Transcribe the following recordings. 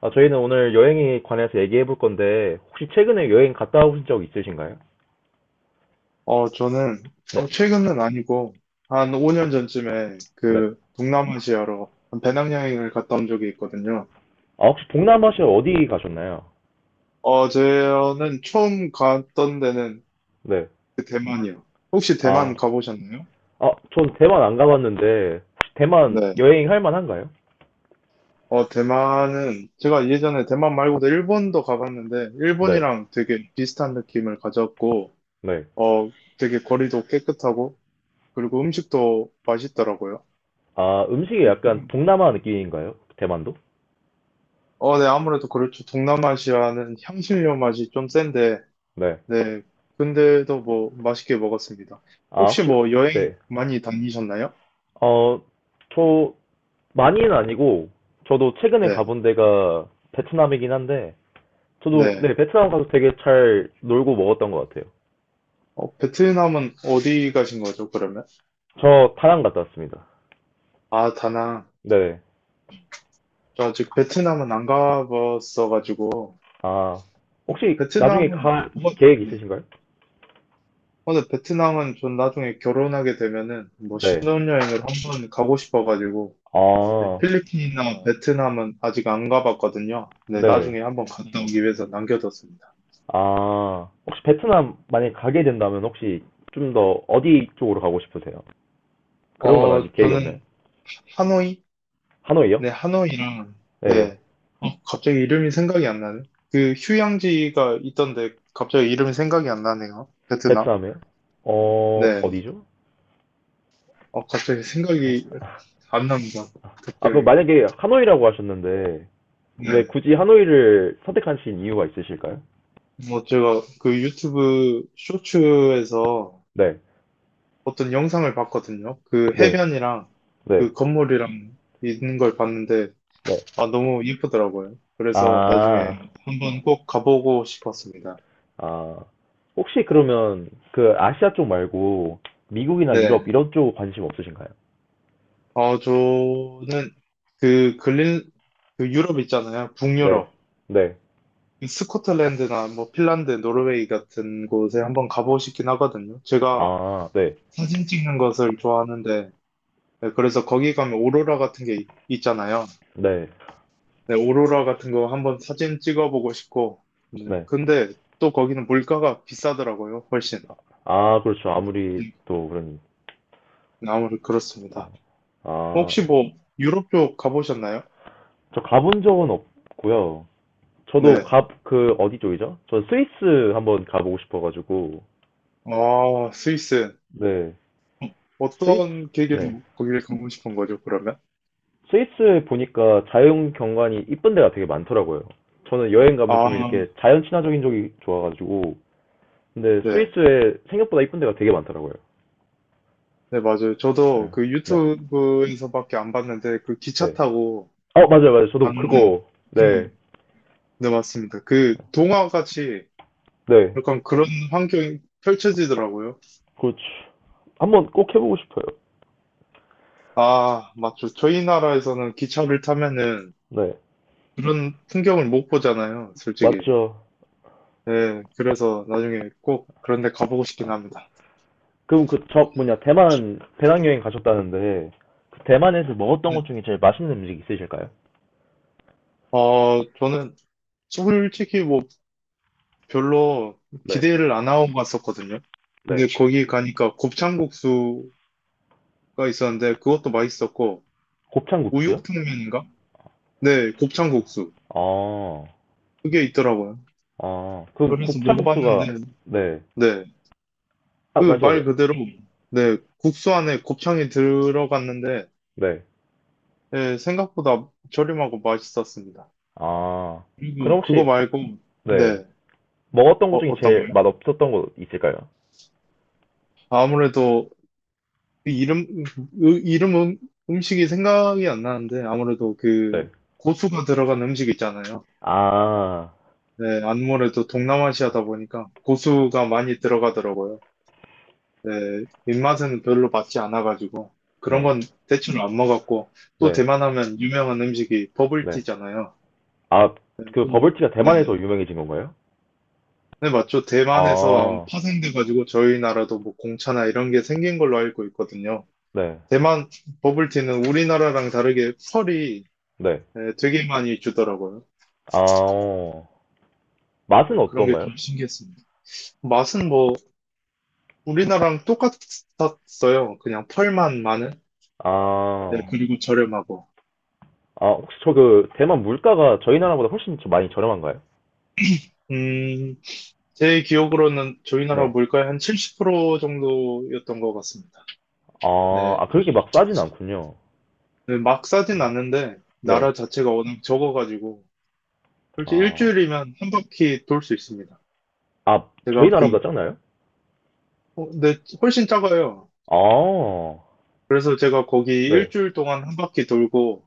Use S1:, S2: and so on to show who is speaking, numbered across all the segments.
S1: 아, 저희는 오늘 여행에 관해서 얘기해 볼 건데, 혹시 최근에 여행 갔다 오신 적 있으신가요?
S2: 저는,
S1: 네,
S2: 최근은 아니고, 한 5년 전쯤에
S1: 네.
S2: 그 동남아시아로 한 배낭여행을 갔다 온 적이 있거든요.
S1: 아, 혹시 동남아시아 어디 가셨나요?
S2: 저는 처음 갔던 데는
S1: 네.
S2: 그 대만이요. 혹시
S1: 아,
S2: 대만 가보셨나요?
S1: 아, 전 대만 안 가봤는데, 혹시 대만
S2: 네.
S1: 여행할 만한가요?
S2: 대만은 제가 예전에 대만 말고도 일본도 가봤는데,
S1: 네,
S2: 일본이랑 되게 비슷한 느낌을 가졌고,
S1: 네.
S2: 어, 되게 거리도 깨끗하고, 그리고 음식도 맛있더라고요.
S1: 아, 음식이 약간
S2: 네,
S1: 동남아 느낌인가요? 대만도?
S2: 네, 아무래도 그렇죠. 동남아시아는 향신료 맛이 좀 센데,
S1: 네.
S2: 네. 근데도 뭐 맛있게 먹었습니다.
S1: 아,
S2: 혹시
S1: 혹시,
S2: 뭐 여행
S1: 네.
S2: 많이 다니셨나요?
S1: 어, 저, 많이는 아니고, 저도 최근에
S2: 네.
S1: 가본 데가 베트남이긴 한데, 저도,
S2: 네.
S1: 네, 베트남 가서 되게 잘 놀고 먹었던 것 같아요.
S2: 베트남은 어디 가신 거죠, 그러면?
S1: 저 다낭 갔다 왔습니다.
S2: 아, 다낭.
S1: 네.
S2: 저 아직 베트남은 안 가봤어가지고.
S1: 아, 혹시 나중에
S2: 베트남은,
S1: 갈
S2: 뭐,
S1: 계획
S2: 네.
S1: 있으신가요?
S2: 근데 베트남은 전 나중에 결혼하게 되면은 뭐
S1: 네.
S2: 신혼여행을 한번 가고 싶어가지고. 네,
S1: 아,
S2: 필리핀이나 베트남은 아직 안 가봤거든요. 네,
S1: 네.
S2: 나중에 한번 갔다 오기 위해서 남겨뒀습니다.
S1: 아, 혹시 베트남 만약에 가게 된다면 혹시 좀 더 어디 쪽으로 가고 싶으세요? 그런 건 아직 계획이
S2: 저는
S1: 없나요?
S2: 하노이?
S1: 하노이요?
S2: 네, 하노이랑,
S1: 네.
S2: 네. 갑자기 이름이 생각이 안 나네. 그 휴양지가 있던데 갑자기 이름이 생각이 안 나네요. 베트남.
S1: 베트남에요? 어,
S2: 네.
S1: 어디죠?
S2: 갑자기 생각이 안 납니다.
S1: 아, 그럼
S2: 갑자기.
S1: 만약에 하노이라고 하셨는데 왜
S2: 네.
S1: 굳이 하노이를 선택하신 이유가 있으실까요?
S2: 뭐 제가 그 유튜브 쇼츠에서
S1: 네.
S2: 어떤 영상을 봤거든요. 그
S1: 네.
S2: 해변이랑
S1: 네.
S2: 그 건물이랑 있는 걸 봤는데
S1: 네.
S2: 아, 너무 예쁘더라고요. 그래서
S1: 아,
S2: 나중에 한번 꼭 가보고 싶었습니다.
S1: 아, 혹시 그러면 그 아시아 쪽 말고 미국이나 유럽
S2: 네.
S1: 이런 쪽 관심 없으신가요?
S2: 저는 그 글린, 그 유럽 있잖아요.
S1: 네,
S2: 북유럽.
S1: 네.
S2: 스코틀랜드나 뭐 핀란드, 노르웨이 같은 곳에 한번 가보고 싶긴 하거든요. 제가
S1: 아, 네,
S2: 사진 찍는 것을 좋아하는데, 네, 그래서 거기 가면 오로라 같은 게 있잖아요.
S1: 네,
S2: 네, 오로라 같은 거 한번 사진 찍어보고 싶고, 네,
S1: 네.
S2: 근데 또 거기는 물가가 비싸더라고요, 훨씬.
S1: 아, 그렇죠. 아무리
S2: 네,
S1: 또 그런,
S2: 아무래도 그렇습니다.
S1: 아,
S2: 혹시 뭐 유럽 쪽 가보셨나요?
S1: 저 가본 적은 없고요. 저도
S2: 네.
S1: 그, 어디 쪽이죠? 저 스위스 한번 가보고 싶어가지고,
S2: 아, 스위스.
S1: 네, 스위스,
S2: 어떤
S1: 네.
S2: 계기로 거기를 가고 싶은 거죠, 그러면?
S1: 스위스에 보니까 자연 경관이 이쁜 데가 되게 많더라고요. 저는 여행 가면 좀
S2: 아,
S1: 이렇게 자연 친화적인 쪽이 좋아가지고, 근데
S2: 네.
S1: 스위스에 생각보다 이쁜 데가 되게 많더라고요.
S2: 네, 맞아요. 저도
S1: 네.
S2: 그
S1: 네,
S2: 유튜브에서밖에 안 봤는데, 그 기차
S1: 네.
S2: 타고
S1: 어, 맞아요, 맞아요. 저도
S2: 갔는데,
S1: 그거,
S2: 그,
S1: 네,
S2: 네, 맞습니다. 그 동화같이
S1: 네.
S2: 약간 그런 환경이 펼쳐지더라고요.
S1: 그렇죠 한번 꼭 해보고 싶어요.
S2: 아, 맞죠. 저희 나라에서는 기차를 타면은
S1: 네,
S2: 그런 풍경을 못 보잖아요, 솔직히.
S1: 맞죠.
S2: 네, 그래서 나중에 꼭 그런 데 가보고
S1: 아,
S2: 싶긴 합니다.
S1: 그럼 그, 저, 뭐냐, 대만 배낭여행 가셨다는데, 그 대만에서 먹었던
S2: 네.
S1: 것 중에 제일 맛있는 음식 있으실까요?
S2: 저는 솔직히 뭐 별로
S1: 네,
S2: 기대를 안 하고 갔었거든요.
S1: 네.
S2: 근데 거기 가니까 곱창국수가 있었는데 그것도 맛있었고
S1: 곱창국수요?
S2: 우육탕면인가? 네, 곱창국수
S1: 아,
S2: 그게 있더라고요.
S1: 아, 그럼
S2: 그래서
S1: 곱창국수가,
S2: 먹어봤는데
S1: 네.
S2: 네,
S1: 아,
S2: 그
S1: 말씀하세요.
S2: 말 그대로 네, 국수 안에 곱창이 들어갔는데
S1: 네,
S2: 네, 생각보다 저렴하고 맛있었습니다.
S1: 아, 그럼
S2: 그리고 그거
S1: 혹시
S2: 말고
S1: 네.
S2: 네,
S1: 먹었던 것 중에
S2: 어떤
S1: 제일
S2: 거요?
S1: 맛없었던 거 있을까요?
S2: 아무래도 그 이름, 으- 이름 음, 음식이 생각이 안 나는데, 아무래도 그
S1: 네.
S2: 고수가 들어간 음식 있잖아요.
S1: 아,
S2: 네, 아무래도 동남아시아다 보니까 고수가 많이 들어가더라고요. 네, 입맛에는 별로 맞지 않아가지고, 그런
S1: 네.
S2: 건 대충 안 먹었고, 또
S1: 네.
S2: 대만 하면 유명한 음식이
S1: 네.
S2: 버블티잖아요.
S1: 아, 그
S2: 음,
S1: 버블티가
S2: 네네.
S1: 대만에서
S2: 네,
S1: 유명해진 건가요?
S2: 네, 맞죠. 대만에서 아마
S1: 아,
S2: 파생돼가지고 저희 나라도 뭐 공차나 이런 게 생긴 걸로 알고 있거든요.
S1: 네.
S2: 대만 버블티는 우리나라랑 다르게 펄이,
S1: 네.
S2: 네, 되게 많이 주더라고요.
S1: 아, 어.
S2: 네,
S1: 맛은
S2: 그런 게
S1: 어떤가요?
S2: 좀 신기했습니다. 맛은 뭐 우리나라랑 똑같았어요. 그냥 펄만 많은. 네,
S1: 아,
S2: 그리고 저렴하고.
S1: 아, 혹시 저 그 대만 물가가 저희 나라보다 훨씬 좀 많이 저렴한가요?
S2: 음, 제 기억으로는 저희 나라
S1: 네.
S2: 물가의 한 70% 정도였던 것 같습니다.
S1: 아,
S2: 네,
S1: 아, 그렇게 막 싸진 않군요.
S2: 네, 막 싸진 않는데
S1: 네.
S2: 나라 자체가 워낙 적어가지고 솔직히
S1: 아,
S2: 일주일이면 한 바퀴 돌 수 있습니다.
S1: 아, 저희
S2: 제가 그,
S1: 나라보다 작나요?
S2: 네, 훨씬 작아요.
S1: 아,
S2: 그래서 제가 거기
S1: 네.
S2: 일주일 동안 한 바퀴 돌고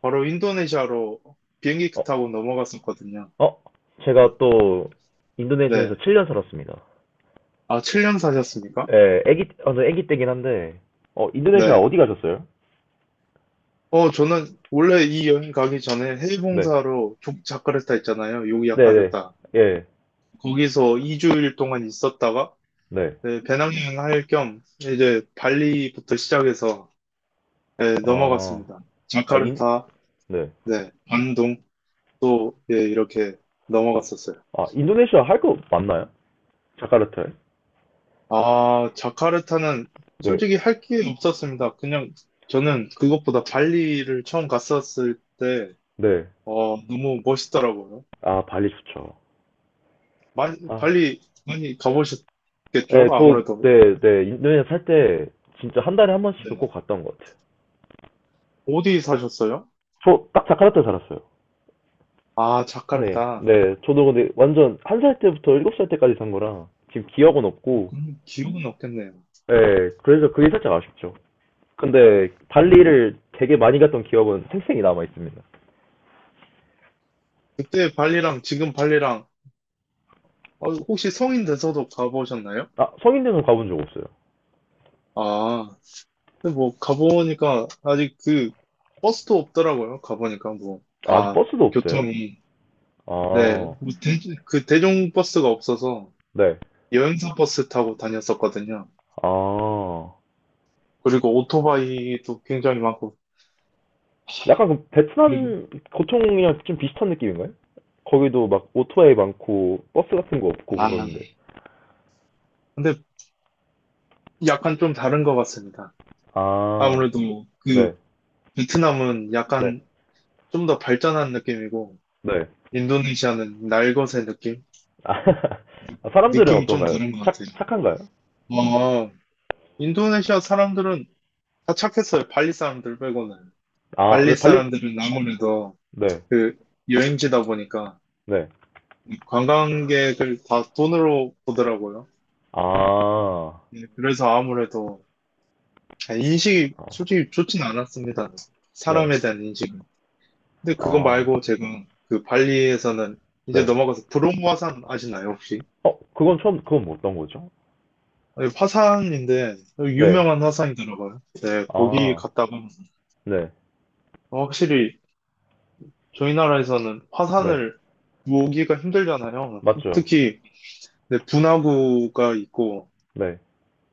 S2: 바로 인도네시아로 비행기
S1: 어,
S2: 타고 넘어갔었거든요.
S1: 어, 제가 또 인도네시아에서
S2: 네.
S1: 7년 살았습니다.
S2: 아, 7년 사셨습니까?
S1: 예, 어, 저 애기 때긴 한데, 어, 인도네시아
S2: 네.
S1: 어디 가셨어요?
S2: 저는 원래 이 여행 가기 전에 해외
S1: 네.
S2: 봉사로 자카르타 있잖아요.
S1: 네네.
S2: 요기야카르타.
S1: 예.
S2: 거기서 2주일 동안 있었다가
S1: 네.
S2: 네, 배낭여행 할 겸 이제 발리부터 시작해서 네,
S1: 아,
S2: 넘어갔습니다.
S1: 아,
S2: 자카르타,
S1: 네.
S2: 네, 반동 또 예, 이렇게 넘어갔었어요.
S1: 아, 인도네시아 할 거 맞나요? 자카르타에?
S2: 아, 자카르타는
S1: 네.
S2: 솔직히 할 게 없었습니다. 그냥 저는 그것보다 발리를 처음 갔었을 때,
S1: 네.
S2: 너무 멋있더라고요.
S1: 아, 발리 좋죠.
S2: 많이,
S1: 아,
S2: 발리 많이
S1: 네,
S2: 가보셨겠죠?
S1: 저,
S2: 아무래도.
S1: 네, 네. 인도네시아 살 때 진짜 한 달에 한
S2: 네.
S1: 번씩은 꼭 갔던 것 같아요.
S2: 어디 사셨어요?
S1: 저 딱 자카르타에 살았어요.
S2: 아,
S1: 네,
S2: 자카르타.
S1: 네. 저도 근데 완전 1살 때부터 7살 때까지 산 거라 지금 기억은 없고,
S2: 그럼 기억은 없겠네요.
S1: 네. 그래서 그게 살짝 아쉽죠. 근데 발리를 되게 많이 갔던 기억은 생생이 남아 있습니다.
S2: 그때 발리랑 지금 발리랑, 혹시 성인 돼서도 가보셨나요?
S1: 아, 성인대는 가본 적 없어요.
S2: 아, 근데 뭐 가보니까 아직 그 버스도 없더라고요. 가보니까 뭐
S1: 아, 아직
S2: 다
S1: 버스도 없어요?
S2: 교통이 네,
S1: 아,
S2: 뭐 그 대중버스가 없어서
S1: 네.
S2: 여행사 버스 타고 다녔었거든요.
S1: 아,
S2: 그리고 오토바이도 굉장히 많고,
S1: 약간 그
S2: 그리고,
S1: 베트남 고총이랑 좀 비슷한 느낌인가요? 거기도 막 오토바이 많고 버스 같은 거 없고
S2: 아,
S1: 그러는데.
S2: 근데 약간 좀 다른 것 같습니다.
S1: 아,
S2: 아무래도 뭐 그
S1: 네,
S2: 베트남은
S1: 네,
S2: 약간 좀 더 발전한 느낌이고,
S1: 네.
S2: 인도네시아는 날것의 느낌?
S1: 아,
S2: 느-
S1: 사람들은
S2: 느낌이 좀
S1: 어떤가요?
S2: 다른 것
S1: 착,
S2: 같아요.
S1: 착한가요?
S2: 아, 인도네시아 사람들은 다 착했어요. 발리 사람들 빼고는.
S1: 아, 왜
S2: 발리
S1: 발리?
S2: 사람들은 아무래도
S1: 네,
S2: 그 여행지다 보니까
S1: 네.
S2: 관광객을 다 돈으로 보더라고요.
S1: 아,
S2: 예, 그래서 아무래도 아, 인식이 솔직히 좋진 않았습니다.
S1: 네.
S2: 사람에 대한 인식은. 근데 그거
S1: 아,
S2: 말고 제가 그 발리에서는 이제
S1: 네.
S2: 넘어가서 브롬 화산 아시나요, 혹시?
S1: 어, 그건 처음, 그건 뭐 어떤 거죠?
S2: 아니, 화산인데
S1: 네.
S2: 유명한 화산이더라고요. 네, 거기
S1: 아,
S2: 갔다가
S1: 네.
S2: 확실히 저희 나라에서는
S1: 네.
S2: 화산을 보기가 힘들잖아요.
S1: 맞죠.
S2: 특히 네, 분화구가 있고
S1: 네.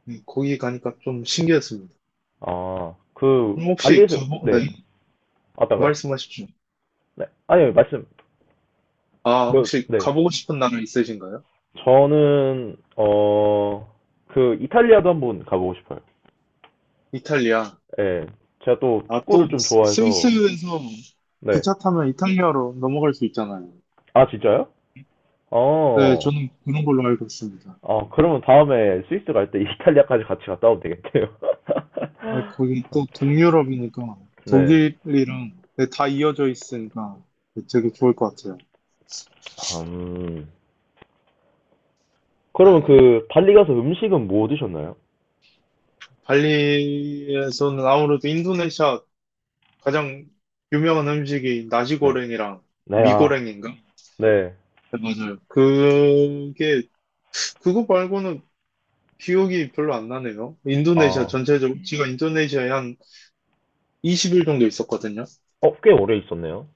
S2: 거기 가니까 좀 신기했습니다.
S1: 아, 그,
S2: 그럼 혹시
S1: 발리에서, 네.
S2: 네,
S1: 어떤가요?
S2: 말씀하십시오.
S1: 네. 아니요, 말씀,
S2: 아,
S1: 뭐,
S2: 혹시
S1: 네.
S2: 가보고 싶은 나라 있으신가요?
S1: 저는, 어, 그, 이탈리아도 한번 가보고 싶어요.
S2: 이탈리아.
S1: 예. 제가 또
S2: 아, 또
S1: 축구를 좀 좋아해서,
S2: 스위스에서
S1: 네.
S2: 기차 타면 이탈리아로 넘어갈 수 있잖아요.
S1: 아, 진짜요?
S2: 네,
S1: 어,
S2: 저는 그런 걸로 알고 있습니다.
S1: 아, 그러면 다음에 스위스 갈 때 이탈리아까지 같이 갔다 오면 되겠네요.
S2: 네, 거긴 또 동유럽이니까
S1: 네.
S2: 독일이랑 네, 다 이어져 있으니까 되게 좋을 것 같아요.
S1: 음. 그러면
S2: 아,
S1: 그 발리 가서 음식은 뭐 드셨나요?
S2: 발리에서는 아무래도 인도네시아 가장 유명한 음식이
S1: 네.
S2: 나시고랭이랑
S1: 네, 아,
S2: 미고랭인가?
S1: 네.
S2: 네, 맞아요. 그게 그거 말고는 기억이 별로 안 나네요. 인도네시아
S1: 아,
S2: 전체적으로, 제가 인도네시아에 한 20일 정도 있었거든요.
S1: 어, 꽤 오래 있었네요.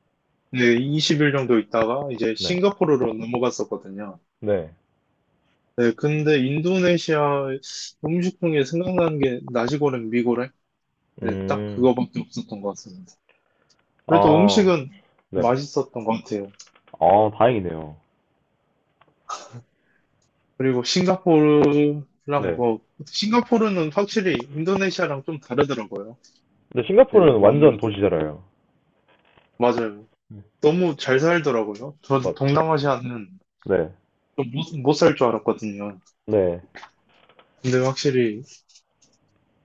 S2: 네, 20일 정도 있다가 이제
S1: 네.
S2: 싱가포르로 넘어갔었거든요.
S1: 네.
S2: 네, 근데 인도네시아 음식 중에 생각나는 게 나시고랭 미고랭? 네, 딱
S1: 음,
S2: 그거밖에 없었던 것 같습니다. 그래도
S1: 아,
S2: 음식은
S1: 네.
S2: 맛있었던 것 같아요.
S1: 아, 다행이네요.
S2: 그리고 싱가포르랑
S1: 네.
S2: 뭐, 싱가포르는 확실히 인도네시아랑 좀 다르더라고요.
S1: 근데
S2: 네,
S1: 싱가포르는 완전
S2: 아무래도.
S1: 도시잖아요.
S2: 맞아요. 너무 잘 살더라고요. 저도
S1: 맞죠.
S2: 동남아시아는
S1: 네.
S2: 못 살 줄 알았거든요.
S1: 네,
S2: 근데 확실히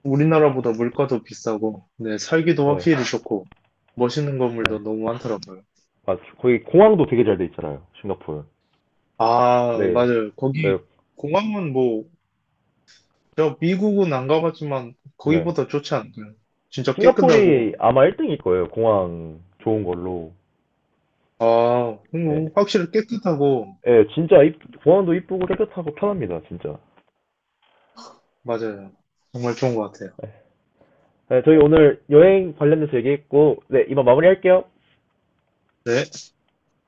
S2: 우리나라보다 물가도 비싸고, 네, 살기도
S1: 네.
S2: 확실히 좋고, 멋있는
S1: 네.
S2: 건물도 너무 많더라고요.
S1: 맞죠. 거기 공항도 되게 잘 돼 있잖아요, 싱가포르.
S2: 아,
S1: 네.
S2: 맞아요.
S1: 네.
S2: 거기 공항은 뭐, 제가 미국은 안 가봤지만
S1: 네.
S2: 거기보다 좋지 않나요? 진짜 깨끗하고,
S1: 싱가포르이 아마 1등일 거예요, 공항 좋은 걸로.
S2: 아,
S1: 네.
S2: 확실히 깨끗하고,
S1: 예, 진짜 공항도 이쁘고 깨끗하고 편합니다, 진짜.
S2: 맞아요. 정말 좋은 것 같아요.
S1: 네, 저희 오늘 여행 관련돼서 얘기했고, 네, 이만 마무리할게요.
S2: 네.